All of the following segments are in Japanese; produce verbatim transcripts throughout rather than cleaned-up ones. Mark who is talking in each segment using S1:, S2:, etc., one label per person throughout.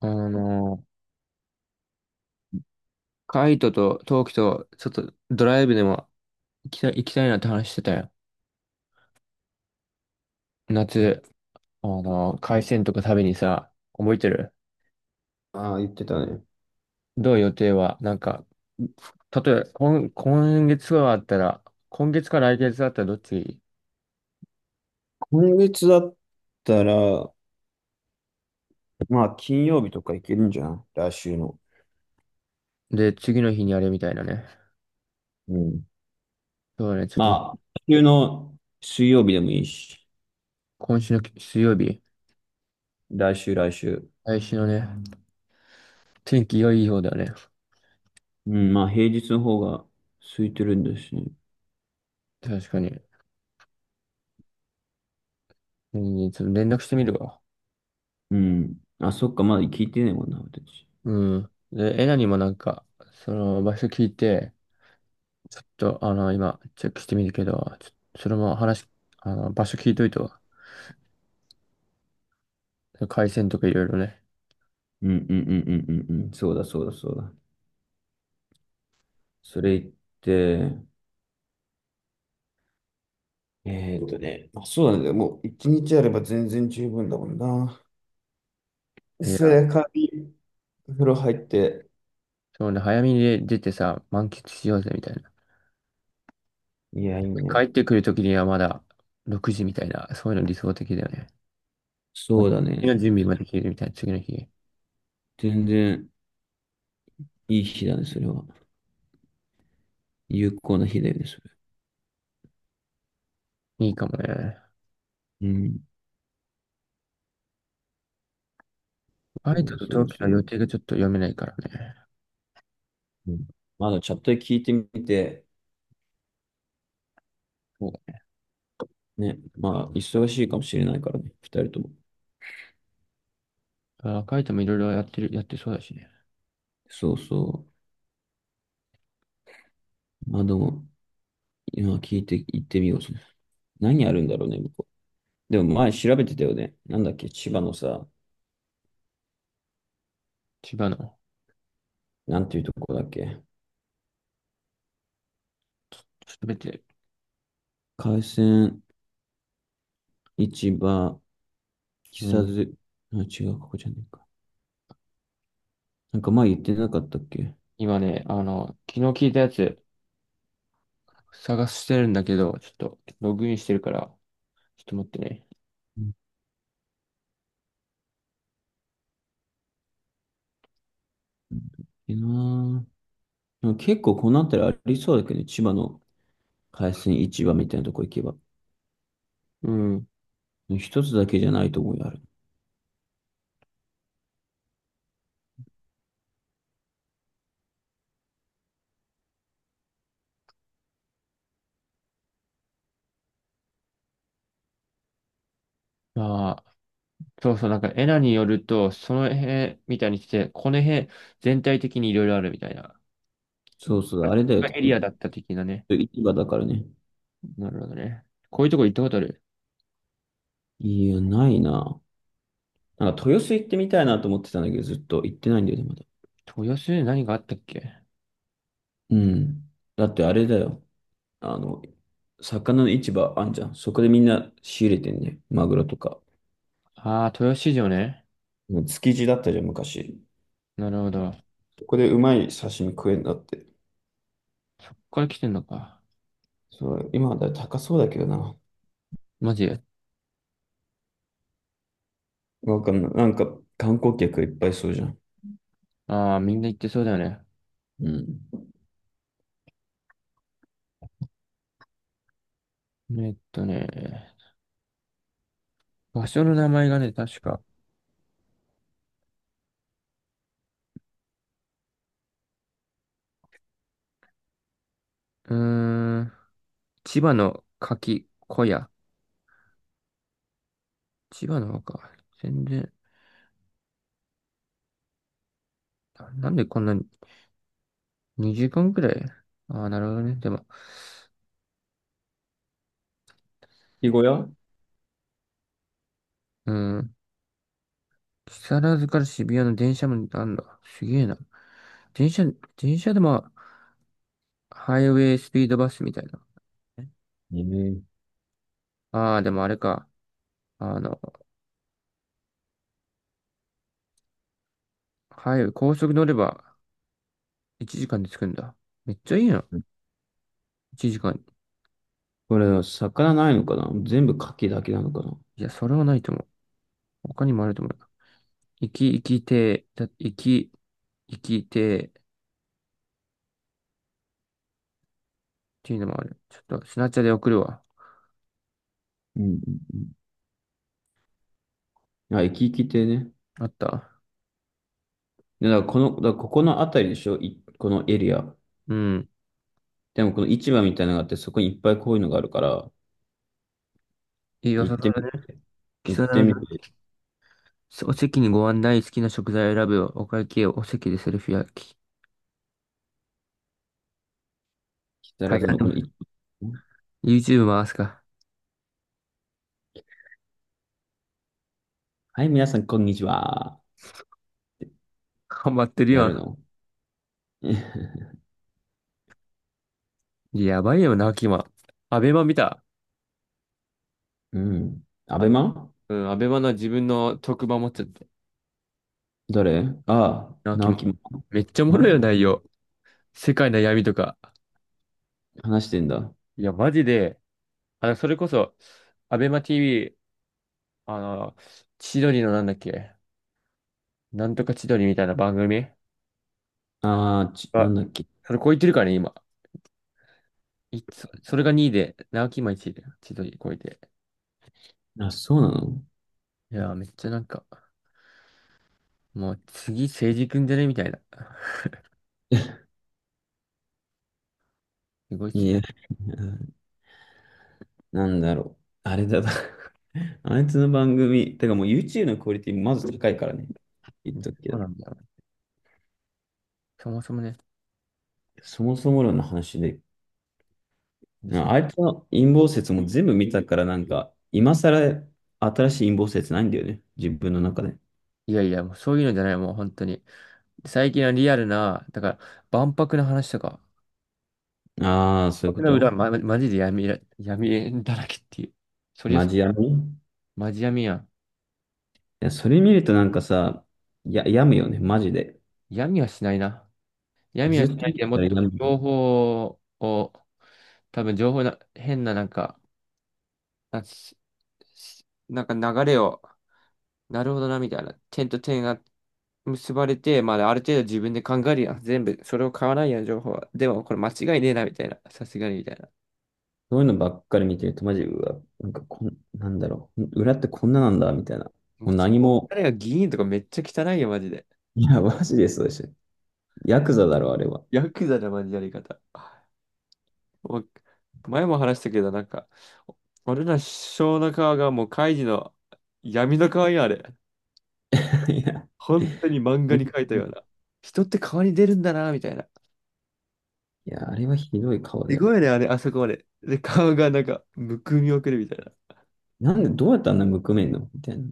S1: あの、カイトとトウキと、ちょっとドライブでも行きたい、行きたいなって話してたよ。夏、あの、海鮮とか食べにさ、覚えてる？
S2: ああ、言ってたね。
S1: どう？予定はなんか、例えば、今、今月はあったら、今月か来月だったらどっち？
S2: 今月だったら、まあ、金曜日とか行けるんじゃない、来週の。
S1: で、次の日にあれみたいなね。
S2: うん。
S1: そうね、ちょっと、
S2: まあ、来週の水曜日でもいいし、
S1: 今週の水曜日、
S2: 来週、来週。
S1: 来週のね、天気良い方だよね。
S2: うん、まあ、平日の方が空いてるんですね。
S1: 確かに。うん、ちょっと連絡してみるわ。
S2: うん。あ、そっか、まだ聞いてないもんな、私。
S1: うん。で、エナにもなんか、その場所聞いて、ちょっと、あの、今、チェックしてみるけど、ちょっとそれも話、あの、場所聞いといてわ、回線とかいろいろね。
S2: うん、うん、うん、うん、うんうん。そうだ、そうだ、そうだ。それ言って、えーっとね、まあ、そうなんだよ。もう、一日あれば全然十分だもんな。
S1: い
S2: そ
S1: や、
S2: れで、帰り、風呂入って、
S1: そうね、早めに出てさ、満喫しようぜ、みたいな。
S2: いや、いいね。
S1: 帰ってくるときにはまだろくじみたいな、そういうの理想的だよね。
S2: そうだ
S1: 次
S2: ね。
S1: の準備までできるみたいな、次の日。
S2: 全然いい日だね、それは。有効な日だよね、それ。
S1: いいかもね。
S2: うん。
S1: カ
S2: そ
S1: イト
S2: う
S1: と
S2: そ
S1: 同
S2: う
S1: 期
S2: そ
S1: の予
S2: う。
S1: 定がちょっと読めないからね。
S2: うん、まあ、のチャットで聞いてみて、
S1: そ
S2: ね、まあ、忙しいかもしれないからね、二人とも。
S1: う。あ、カイトもいろいろやってる、やってそうだしね。
S2: そうそう。まあ、でも、今聞いて行ってみよう。何あるんだろうね、向こう。でも前調べてたよね。なんだっけ、千葉のさ、
S1: 千葉の、
S2: なんていうとこだっけ。
S1: すべて。
S2: 海鮮市場、木
S1: う
S2: 更
S1: ん。
S2: 津、あ、違う、ここじゃねえか。なんか前言ってなかったっけ。
S1: 今ね、あの、昨日聞いたやつ、探してるんだけど、ちょっとログインしてるから、ちょっと待ってね。
S2: うん、いいなぁ。でも結構こうなったらありそうだけどね、千葉の海鮮市場みたいなとこ行けば。
S1: うん。
S2: 一つだけじゃないと思うよ、あれ。
S1: まあ、そうそう、なんかエナによると、その辺みたいにして、この辺全体的にいろいろあるみたいな。
S2: そうそう、あれだよ、多
S1: エリアだ
S2: 分
S1: った的なね。
S2: 市場だからね。
S1: なるほどね。こういうとこ行ったことある？
S2: いや、ないな。なんか豊洲行ってみたいなと思ってたんだけど、ずっと行ってないんだよね、まだ。
S1: 豊洲に何があったっけ？
S2: うん。だってあれだよ。あの、魚の市場あんじゃん。そこでみんな仕入れてんね。マグロとか。
S1: ああー、豊洲市場ね。
S2: もう築地だったじゃん、昔。
S1: なるほど。
S2: そこでうまい刺身食えんだって。
S1: そっから来てんのか。
S2: そう、今はだいぶ高そうだけどな。
S1: マジ？
S2: わかんない。なんか、観光客いっぱいそうじゃん。
S1: ああー、みんな行ってそうだよね。
S2: うん。
S1: えっとね、場所の名前がね、確か。うーん、千葉の柿小屋、千葉の方か。全然、ななんでこんなににじかんくらい？ああー、なるほどね。でも、
S2: 牡蠣小屋。
S1: うん。木更津から渋谷の電車もあんだ。すげえな。電車、電車でも、ハイウェイスピードバスみたいな。
S2: ええ、
S1: ああ、でもあれか。あの、ハイウェイ、高速乗ればいちじかんで着くんだ。めっちゃいいな。いちじかん。
S2: これ、魚ないのかな、全部牡蠣だけなのかな。
S1: いや、それはないと思う。他にもあると思う。行き、行きて、だ、行き、行きて、っていうのもある。ちょっと、スナチャで送るわ。
S2: うんうんうん。あ、生き生きてね。
S1: あった。
S2: でだからこの、だからここのあたりでしょい、このエリア。
S1: うん。
S2: でもこの市場みたいなのがあって、そこにいっぱいこういうのがあるから、
S1: いいよ、
S2: 行
S1: そ
S2: っ
S1: そ
S2: て
S1: ら
S2: み
S1: れね。
S2: て、
S1: 貴
S2: 行っ
S1: 様
S2: て
S1: など、
S2: みて、
S1: お席にご案内、好きな食材を選ぶよ。お会計をお席でセルフ焼き。
S2: 木
S1: 階
S2: 更津
S1: 段
S2: の
S1: で
S2: こ
S1: も、
S2: の市場。
S1: YouTube 回すか。
S2: はい、皆さん、こんにちは。
S1: 頑張ってる
S2: やる
S1: よ。
S2: の。
S1: やばいよな、キマ。アベマ見た。
S2: うん。ア
S1: ア
S2: ベ
S1: ベ、
S2: マ。
S1: うん、アベマの自分の特番持っちゃって。
S2: 誰。ああ、
S1: な、キ
S2: 直
S1: マ。
S2: 樹も。
S1: めっちゃおもろ
S2: マ
S1: いよ、
S2: ジ
S1: 内容。世界の闇とか。
S2: 話してんだ。
S1: いや、マジで、あの、それこそ、アベマ ティーブイ、あの、千鳥のなんだっけ、なんとか千鳥みたいな番組。
S2: ああ、ち、な
S1: あ、
S2: んだっけ。
S1: それ超えてるからね、今。いつ、それがにいで、直木今いちいで、千鳥超えて。
S2: あ、そうなの。
S1: いやー、めっちゃなんか、もう次、政治くんじゃねみたいな。すごいっす
S2: い
S1: よ。
S2: や、なんだろう。あれだな。 あいつの番組、てかもう ユーチューブ のクオリティまず高いからね。言っとくけ
S1: そう
S2: ど。
S1: なんだよね。そもそもね。
S2: そもそも論の話で、
S1: リス
S2: あ
S1: ペ
S2: あいつの陰謀説も全部見たからなんか、今更新しい陰謀説ないんだよね。自分の中で。
S1: いやいや、もうそういうのじゃない、もう本当に。最近はリアルな、だから、万博の話とか、
S2: ああ、
S1: 万
S2: そういうこ
S1: 博の裏、
S2: と。
S1: ま、マジで闇ら、闇だらけっていう。そりゃ
S2: マ
S1: そう、
S2: ジや。い
S1: マジ闇やん。
S2: や、それ見るとなんかさ、や、病むよね。マジで。
S1: 闇はしないな。闇
S2: ず
S1: はし
S2: っと
S1: ない
S2: 見て
S1: けど、も
S2: た
S1: っ
S2: ら
S1: と
S2: 病む。
S1: 情報を、多分情報な、変ななんか、なんかなんか流れを、なるほどな、みたいな。点と点が結ばれて、まあ、ある程度自分で考えるやん。全部、それを買わないやん、情報は。でも、これ間違いねえな、みたいな。さすがに、みたいな。
S2: そういうのばっかり見てると、マジ、うわ、なんかこん、なんだろう、裏ってこんななんだ、みたいな。も
S1: も
S2: う
S1: う、ち
S2: 何
S1: ょ
S2: も。
S1: 彼が議員とかめっちゃ汚いよ、マジで。
S2: いや、マジでそうでしょ。ヤクザだろ、あれは。
S1: ヤクザだ、マジでやり方。もう前も話したけど、なんか、俺ら首相の顔がもう、カイジの闇の顔よ、あれ。
S2: いや、
S1: 本当に漫画
S2: い
S1: に描いたような。人って顔に出るんだな、みたいな。
S2: や、あれはひどい顔だ
S1: す
S2: よ。
S1: ごいね、あれ、あそこまで。で、顔がなんか、むくみをくるみたいな。
S2: なんで、どうやってあんなむくめんのみたいなね。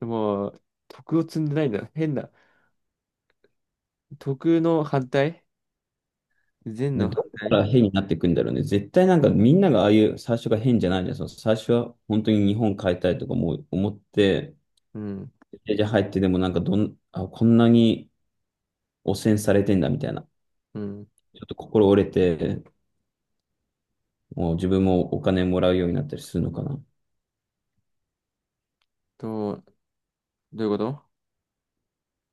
S1: でもう、徳を積んでないんだ。変な。徳の反対、善
S2: で、いや、
S1: の
S2: ど
S1: 反
S2: こか
S1: 対、
S2: ら変になっていくんだろうね。絶対なんかみんながああいう最初が変じゃないじゃん。その最初は本当に日本変えたいとかも思って、
S1: うん。
S2: じゃ入ってでもなんかどん、あ、こんなに汚染されてんだみたいな。
S1: うん。
S2: ちょっと心折れて、もう自分もお金もらうようになったりするのかな。
S1: と、どういうこと？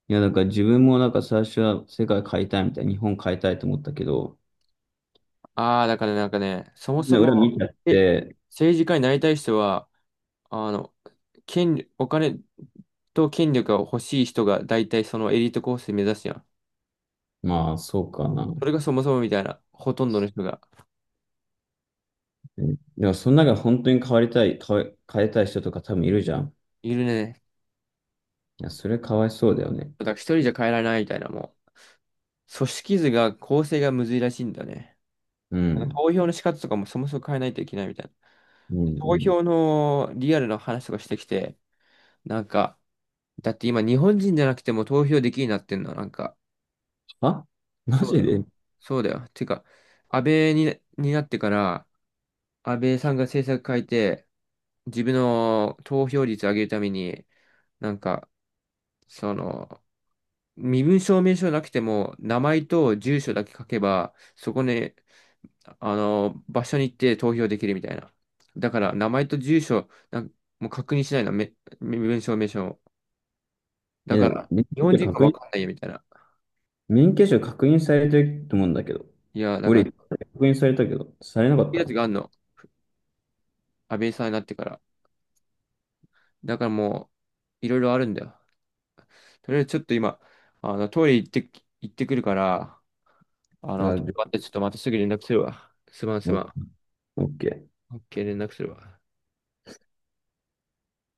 S2: いや、だから自分もなんか最初は世界変えたいみたいな、日本変えたいと思ったけど、
S1: ああー、だからねなんかね、そも
S2: みん
S1: そ
S2: な裏見
S1: も、
S2: ちゃっ
S1: え、
S2: て、
S1: 政治家になりたい人は、あの、権、お金と権力が欲しい人が大体そのエリートコースで目指すやん。
S2: まあそうかな。
S1: そ
S2: う
S1: れがそもそもみたいな、ほとんどの人が
S2: ん。でもその中で本当に変わりたい、変え、変えたい人とか多分いるじゃん。
S1: いるね。
S2: いや、それかわいそうだよね。
S1: だから一人じゃ変えられないみたいな、もう。組織図が構成がむずいらしいんだよね。
S2: う
S1: なんか
S2: ん。
S1: 投票の仕方とかもそもそも変えないといけないみたいな。
S2: うん、う
S1: 投
S2: ん。
S1: 票のリアルな話とかしてきて、なんか、だって今日本人じゃなくても投票できるようになってんの、なんか、
S2: あ、マ
S1: そうだ
S2: ジ
S1: よ。
S2: で。
S1: そうだよ。てか、安倍に、になってから、安倍さんが政策変えて、自分の投票率上げるために、なんか、その、身分証明書なくても、名前と住所だけ書けば、そこにあの、場所に行って投票できるみたいな。だから、名前と住所、なんもう確認しないの、め、め名称、名称。だ
S2: え、で
S1: か
S2: も
S1: ら、
S2: 免
S1: 日
S2: 許
S1: 本
S2: 証
S1: 人か
S2: 確
S1: わ
S2: 認、
S1: かんないよみたいな。
S2: 免許証確認されてると思うんだけど。
S1: いや、だか
S2: 俺、
S1: ら、
S2: 確
S1: こ
S2: 認されたけど、されなかっ
S1: ういう
S2: た。い
S1: やつがあるの。安倍さんになってから。だからもう、いろいろあるんだよ。とりあえずちょっと今、あの、トイレ行ってき、行ってくるから、あの、
S2: や、じゃ
S1: 待って、
S2: あ
S1: ちょっとまたすぐ連絡するわ。すまんす
S2: オ
S1: ま
S2: ッ
S1: ん。
S2: オッケー。
S1: OK、連絡するわ。